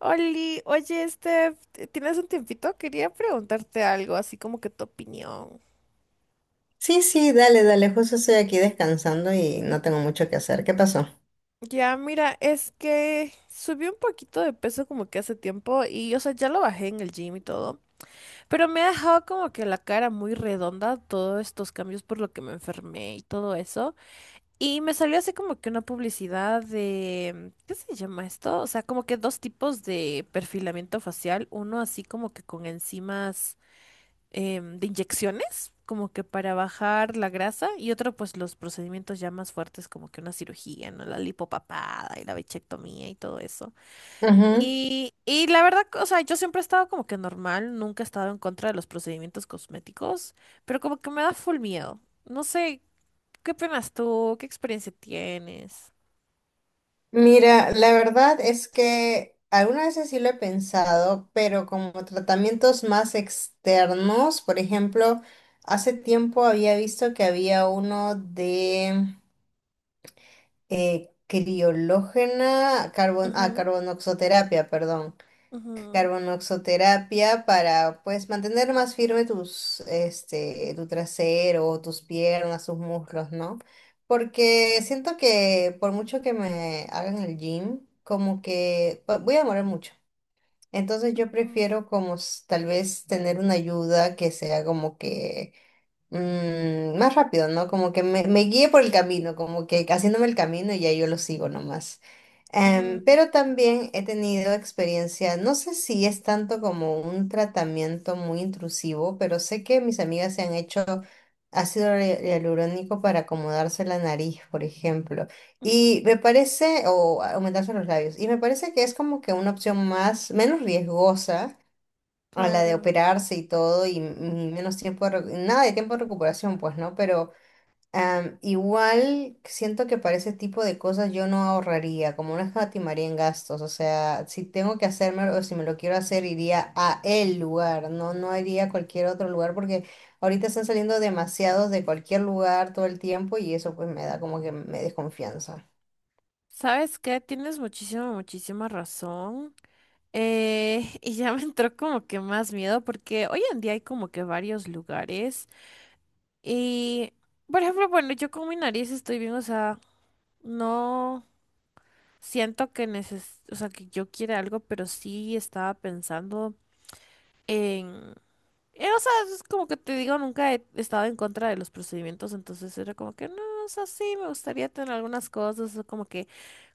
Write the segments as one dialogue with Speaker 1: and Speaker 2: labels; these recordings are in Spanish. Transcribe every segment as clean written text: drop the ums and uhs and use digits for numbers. Speaker 1: Oli, oye, Steph, ¿tienes un tiempito? Quería preguntarte algo, así como que tu opinión.
Speaker 2: Sí, sí, dale, dale, justo estoy aquí descansando y no tengo mucho que hacer. ¿Qué pasó?
Speaker 1: Ya, mira, es que subí un poquito de peso como que hace tiempo y, o sea, ya lo bajé en el gym y todo, pero me ha dejado como que la cara muy redonda, todos estos cambios por lo que me enfermé y todo eso. Y me salió así como que una publicidad de, ¿qué se llama esto? O sea, como que dos tipos de perfilamiento facial, uno así como que con enzimas de inyecciones, como que para bajar la grasa, y otro, pues los procedimientos ya más fuertes, como que una cirugía, ¿no? La lipopapada y la bichectomía y todo eso.
Speaker 2: Ujú.
Speaker 1: Y la verdad, o sea, yo siempre he estado como que normal, nunca he estado en contra de los procedimientos cosméticos, pero como que me da full miedo. No sé, ¿qué opinas tú? ¿Qué experiencia tienes?
Speaker 2: Mira, la verdad es que algunas veces sí lo he pensado, pero como tratamientos más externos, por ejemplo, hace tiempo había visto que había uno de criológena, carbon, ah,
Speaker 1: Ujú,
Speaker 2: carbonoxoterapia, perdón.
Speaker 1: ujú,
Speaker 2: Carbonoxoterapia para pues mantener más firme tus tu trasero, tus piernas, tus muslos, ¿no? Porque siento que por mucho que me hagan el gym, como que voy a demorar mucho. Entonces yo
Speaker 1: ujú,
Speaker 2: prefiero como tal vez tener una ayuda que sea como que más rápido, ¿no? Como que me guíe por el camino, como que haciéndome el camino y ya yo lo sigo nomás.
Speaker 1: ujú,
Speaker 2: Pero también he tenido experiencia, no sé si es tanto como un tratamiento muy intrusivo, pero sé que mis amigas se han hecho ácido hialurónico para acomodarse la nariz, por ejemplo,
Speaker 1: ujú,
Speaker 2: y me parece, o aumentarse los labios, y me parece que es como que una opción más, menos riesgosa a la de
Speaker 1: claro.
Speaker 2: operarse y todo, y menos tiempo de, nada de tiempo de recuperación, pues, ¿no? Pero igual siento que para ese tipo de cosas yo no ahorraría, como no escatimaría en gastos, o sea, si tengo que hacerme o si me lo quiero hacer, iría a el lugar, no iría a cualquier otro lugar, porque ahorita están saliendo demasiados de cualquier lugar todo el tiempo y eso pues me da como que me desconfianza.
Speaker 1: ¿Sabes qué? Tienes muchísima, muchísima razón. Y ya me entró como que más miedo porque hoy en día hay como que varios lugares y, por ejemplo, bueno, yo con mi nariz estoy bien, o sea, no siento que o sea, que yo quiera algo, pero sí estaba pensando o sea, es como que te digo, nunca he estado en contra de los procedimientos, entonces era como que no, o sea, sí, me gustaría tener algunas cosas, o como que,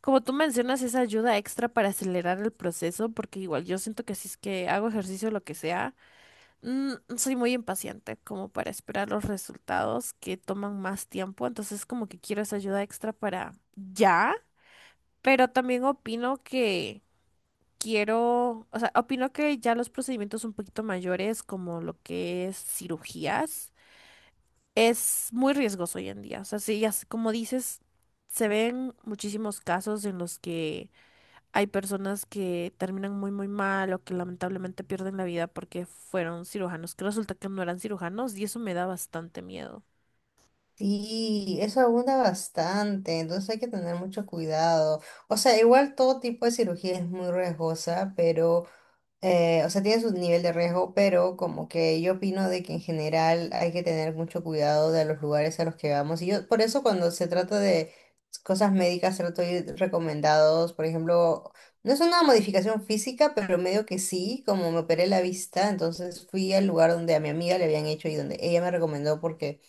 Speaker 1: como tú mencionas, esa ayuda extra para acelerar el proceso, porque igual yo siento que si es que hago ejercicio, lo que sea, soy muy impaciente como para esperar los resultados que toman más tiempo, entonces como que quiero esa ayuda extra para ya, pero también opino que quiero, o sea, opino que ya los procedimientos un poquito mayores, como lo que es cirugías, es muy riesgoso hoy en día. O sea, sí, ya, como dices, se ven muchísimos casos en los que hay personas que terminan muy, muy mal o que lamentablemente pierden la vida porque fueron cirujanos, que resulta que no eran cirujanos y eso me da bastante miedo.
Speaker 2: Sí, eso abunda bastante, entonces hay que tener mucho cuidado. O sea, igual todo tipo de cirugía es muy riesgosa, pero, o sea, tiene su nivel de riesgo, pero como que yo opino de que en general hay que tener mucho cuidado de los lugares a los que vamos. Y yo, por eso cuando se trata de cosas médicas, trato de ir recomendados, por ejemplo, no es una modificación física, pero medio que sí, como me operé la vista, entonces fui al lugar donde a mi amiga le habían hecho y donde ella me recomendó porque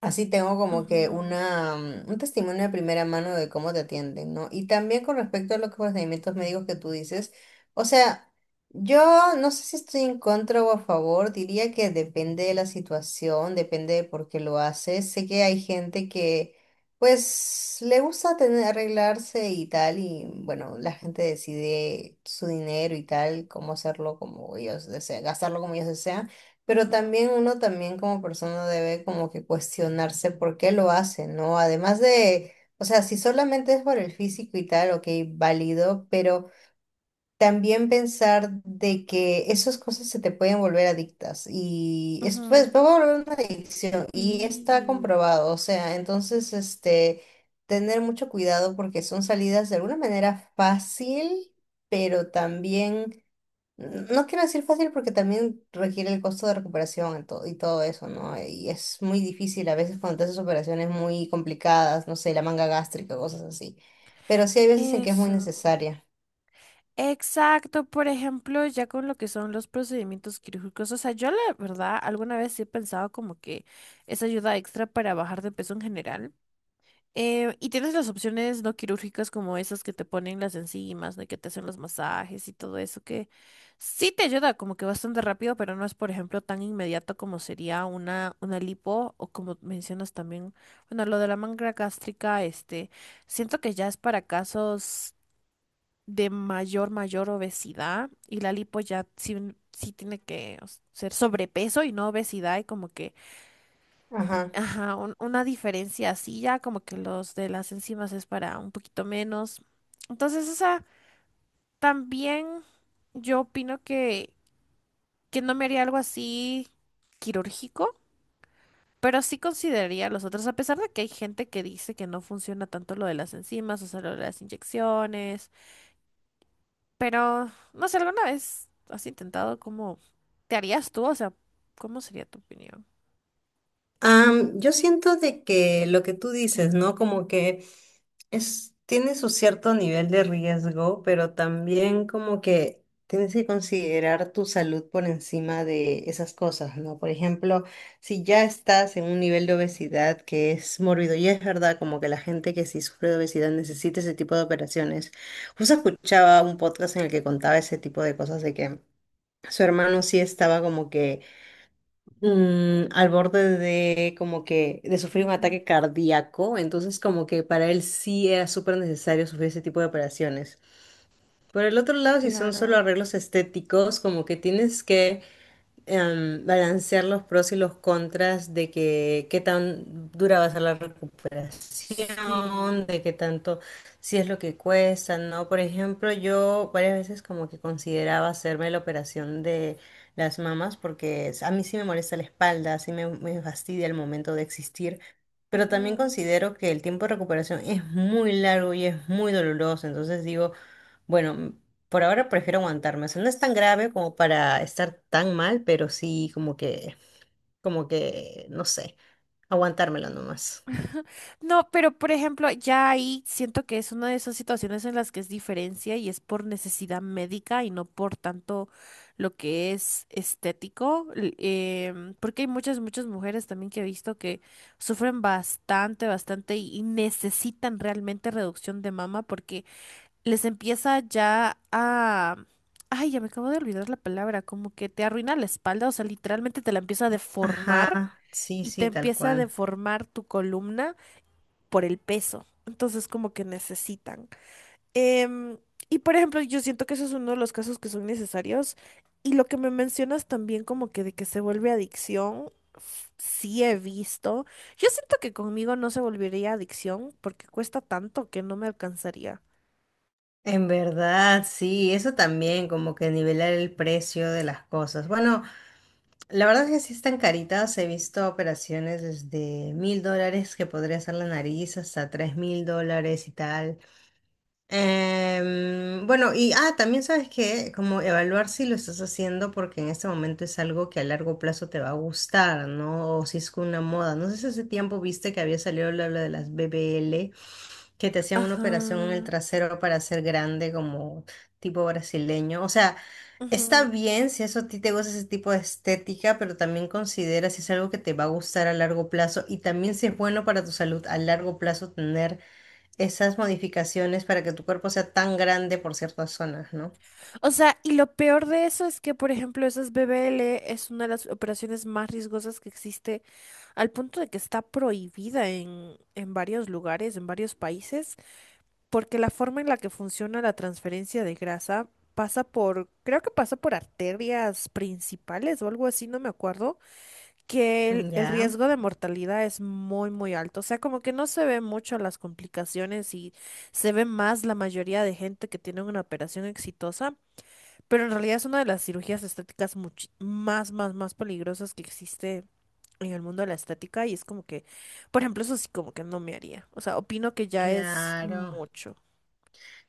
Speaker 2: así tengo como que
Speaker 1: Ujú,
Speaker 2: una, un testimonio de primera mano de cómo te atienden, ¿no? Y también con respecto a los procedimientos médicos que tú dices, o sea, yo no sé si estoy en contra o a favor, diría que depende de la situación, depende de por qué lo haces. Sé que hay gente que, pues, le gusta tener, arreglarse y tal, y bueno, la gente decide su dinero y tal, cómo hacerlo como ellos desean, gastarlo como ellos desean. Pero
Speaker 1: ujú,
Speaker 2: también uno también como persona debe como que cuestionarse por qué lo hace, ¿no? Además de, o sea, si solamente es por el físico y tal, ok, válido, pero también pensar de que esas cosas se te pueden volver adictas y es, pues,
Speaker 1: ujú.
Speaker 2: puede volver una adicción y está
Speaker 1: Sí,
Speaker 2: comprobado, o sea, entonces, tener mucho cuidado porque son salidas de alguna manera fácil, pero también no quiero decir fácil porque también requiere el costo de recuperación y todo eso, ¿no? Y es muy difícil a veces cuando te haces operaciones muy complicadas, no sé, la manga gástrica, cosas así. Pero sí hay veces en que es muy
Speaker 1: eso.
Speaker 2: necesaria.
Speaker 1: Exacto, por ejemplo, ya con lo que son los procedimientos quirúrgicos, o sea, yo la verdad alguna vez sí he pensado como que es ayuda extra para bajar de peso en general. Y tienes las opciones no quirúrgicas como esas que te ponen las enzimas, de que te hacen los masajes y todo eso, que sí te ayuda como que bastante rápido, pero no es, por ejemplo, tan inmediato como sería una lipo o como mencionas también, bueno, lo de la manga gástrica, este, siento que ya es para casos de mayor, mayor obesidad y la lipo ya sí, sí tiene que o ser sobrepeso y no obesidad y como que,
Speaker 2: Ajá.
Speaker 1: ajá, una diferencia así ya, como que los de las enzimas es para un poquito menos. Entonces, esa también yo opino que no me haría algo así quirúrgico. Pero sí consideraría los otros, a pesar de que hay gente que dice que no funciona tanto lo de las enzimas, o sea, lo de las inyecciones. Pero, no sé, ¿alguna vez has intentado cómo te harías tú? O sea, ¿cómo sería tu opinión?
Speaker 2: Yo siento de que lo que tú dices, ¿no? Como que es, tiene su cierto nivel de riesgo, pero también como que tienes que considerar tu salud por encima de esas cosas, ¿no? Por ejemplo, si ya estás en un nivel de obesidad que es mórbido, y es verdad como que la gente que sí sufre de obesidad necesita ese tipo de operaciones. Justo escuchaba un podcast en el que contaba ese tipo de cosas de que su hermano sí estaba como que al borde de como que de sufrir un
Speaker 1: Ujú,
Speaker 2: ataque cardíaco, entonces como que para él sí era súper necesario sufrir ese tipo de operaciones. Por el otro lado, si son solo
Speaker 1: claro,
Speaker 2: arreglos estéticos, como que tienes que balancear los pros y los contras de que qué tan dura va a ser la
Speaker 1: sí.
Speaker 2: recuperación, de qué tanto, si es lo que cuesta, ¿no? Por ejemplo, yo varias veces como que consideraba hacerme la operación de las mamas porque a mí sí me molesta la espalda, sí me fastidia el momento de existir. Pero también
Speaker 1: Ujú.
Speaker 2: considero que el tiempo de recuperación es muy largo y es muy doloroso. Entonces digo, bueno, por ahora prefiero aguantarme. O sea, no es tan grave como para estar tan mal, pero sí no sé, aguantármelo nomás.
Speaker 1: No, pero por ejemplo, ya ahí siento que es una de esas situaciones en las que es diferencia y es por necesidad médica y no por tanto lo que es estético, porque hay muchas, muchas mujeres también que he visto que sufren bastante, bastante y necesitan realmente reducción de mama porque les empieza ya a... Ay, ya me acabo de olvidar la palabra, como que te arruina la espalda, o sea, literalmente te la empieza a deformar
Speaker 2: Ajá, sí,
Speaker 1: y te
Speaker 2: sí, tal
Speaker 1: empieza a
Speaker 2: cual.
Speaker 1: deformar tu columna por el peso. Entonces, como que necesitan. Em, y por ejemplo, yo siento que eso es uno de los casos que son necesarios. Y lo que me mencionas también como que de que se vuelve adicción, sí he visto. Yo siento que conmigo no se volvería adicción porque cuesta tanto que no me alcanzaría.
Speaker 2: En verdad, sí, eso también, como que nivelar el precio de las cosas. Bueno, la verdad es que sí están caritas. He visto operaciones desde mil dólares que podría ser la nariz hasta tres mil dólares y tal. Bueno, también sabes que como evaluar si lo estás haciendo porque en este momento es algo que a largo plazo te va a gustar, ¿no? O si es una moda. No sé si hace tiempo viste que había salido la habla de las BBL, que te hacían una operación en el
Speaker 1: Ajá.
Speaker 2: trasero para ser grande como tipo brasileño. O sea, está
Speaker 1: Ujú.
Speaker 2: bien si eso a ti te gusta ese tipo de estética, pero también considera si es algo que te va a gustar a largo plazo y también si es bueno para tu salud a largo plazo tener esas modificaciones para que tu cuerpo sea tan grande por ciertas zonas, ¿no?
Speaker 1: O sea, y lo peor de eso es que, por ejemplo, esas BBL es una de las operaciones más riesgosas que existe, al punto de que está prohibida en varios lugares, en varios países, porque la forma en la que funciona la transferencia de grasa pasa por, creo que pasa por arterias principales o algo así, no me acuerdo, que el
Speaker 2: Ya,
Speaker 1: riesgo de mortalidad es muy, muy alto. O sea, como que no se ven mucho las complicaciones y se ve más la mayoría de gente que tiene una operación exitosa. Pero en realidad es una de las cirugías estéticas más, más, más peligrosas que existe en el mundo de la estética y es como que, por ejemplo, eso sí como que no me haría. O sea, opino que ya es
Speaker 2: claro.
Speaker 1: mucho.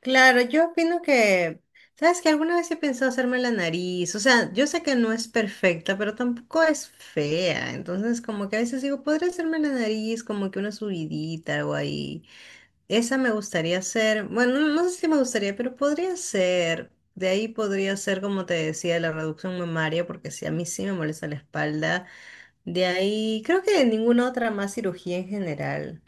Speaker 2: Claro, yo opino que, ¿Sabes que alguna vez he pensado hacerme la nariz? O sea, yo sé que no es perfecta, pero tampoco es fea, entonces como que a veces digo, podría hacerme la nariz como que una subidita, algo ahí. Esa me gustaría hacer, bueno, no sé si me gustaría, pero podría ser. De ahí podría ser, como te decía, la reducción mamaria, porque si a mí sí me molesta la espalda. De ahí, creo que ninguna otra más cirugía en general.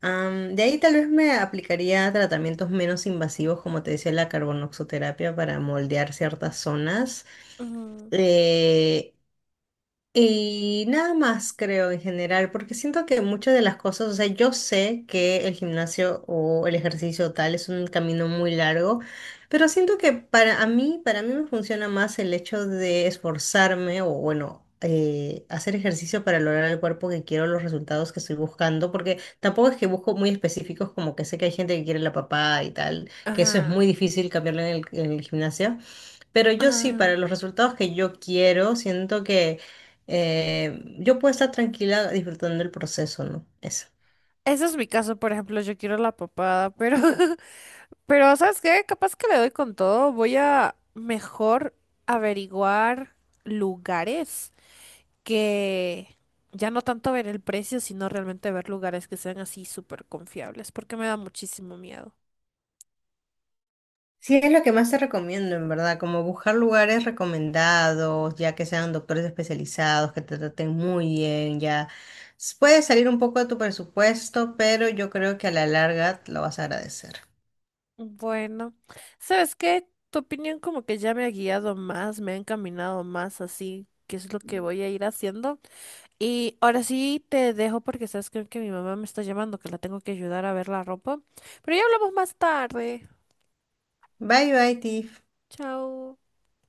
Speaker 2: De ahí tal vez me aplicaría tratamientos menos invasivos, como te decía, la carbonoxoterapia para moldear ciertas zonas.
Speaker 1: Ujú.
Speaker 2: Eh, y nada más creo en general, porque siento que muchas de las cosas, o sea, yo sé que el gimnasio o el ejercicio tal es un camino muy largo, pero siento que para a mí, para mí me funciona más el hecho de esforzarme o bueno, hacer ejercicio para lograr el cuerpo que quiero, los resultados que estoy buscando, porque tampoco es que busco muy específicos como que sé que hay gente que quiere la papá y tal, que eso es
Speaker 1: Ajá.
Speaker 2: muy difícil cambiarlo en en el gimnasio. Pero yo sí,
Speaker 1: Ajá.
Speaker 2: para los resultados que yo quiero, siento que yo puedo estar tranquila disfrutando el proceso, ¿no? Eso.
Speaker 1: Ese es mi caso, por ejemplo, yo quiero la papada, pero, pero ¿sabes qué? Capaz que le doy con todo. Voy a mejor averiguar lugares que ya no tanto ver el precio, sino realmente ver lugares que sean así súper confiables, porque me da muchísimo miedo.
Speaker 2: Sí, es lo que más te recomiendo, en verdad, como buscar lugares recomendados, ya que sean doctores especializados, que te traten muy bien, ya. Puede salir un poco de tu presupuesto, pero yo creo que a la larga lo vas a agradecer.
Speaker 1: Bueno, ¿sabes qué? Tu opinión como que ya me ha guiado más, me ha encaminado más así, que es lo que voy a ir haciendo. Y ahora sí te dejo porque sabes que mi mamá me está llamando, que la tengo que ayudar a ver la ropa. Pero ya hablamos más tarde.
Speaker 2: Bye, bye, Tiff.
Speaker 1: Chao.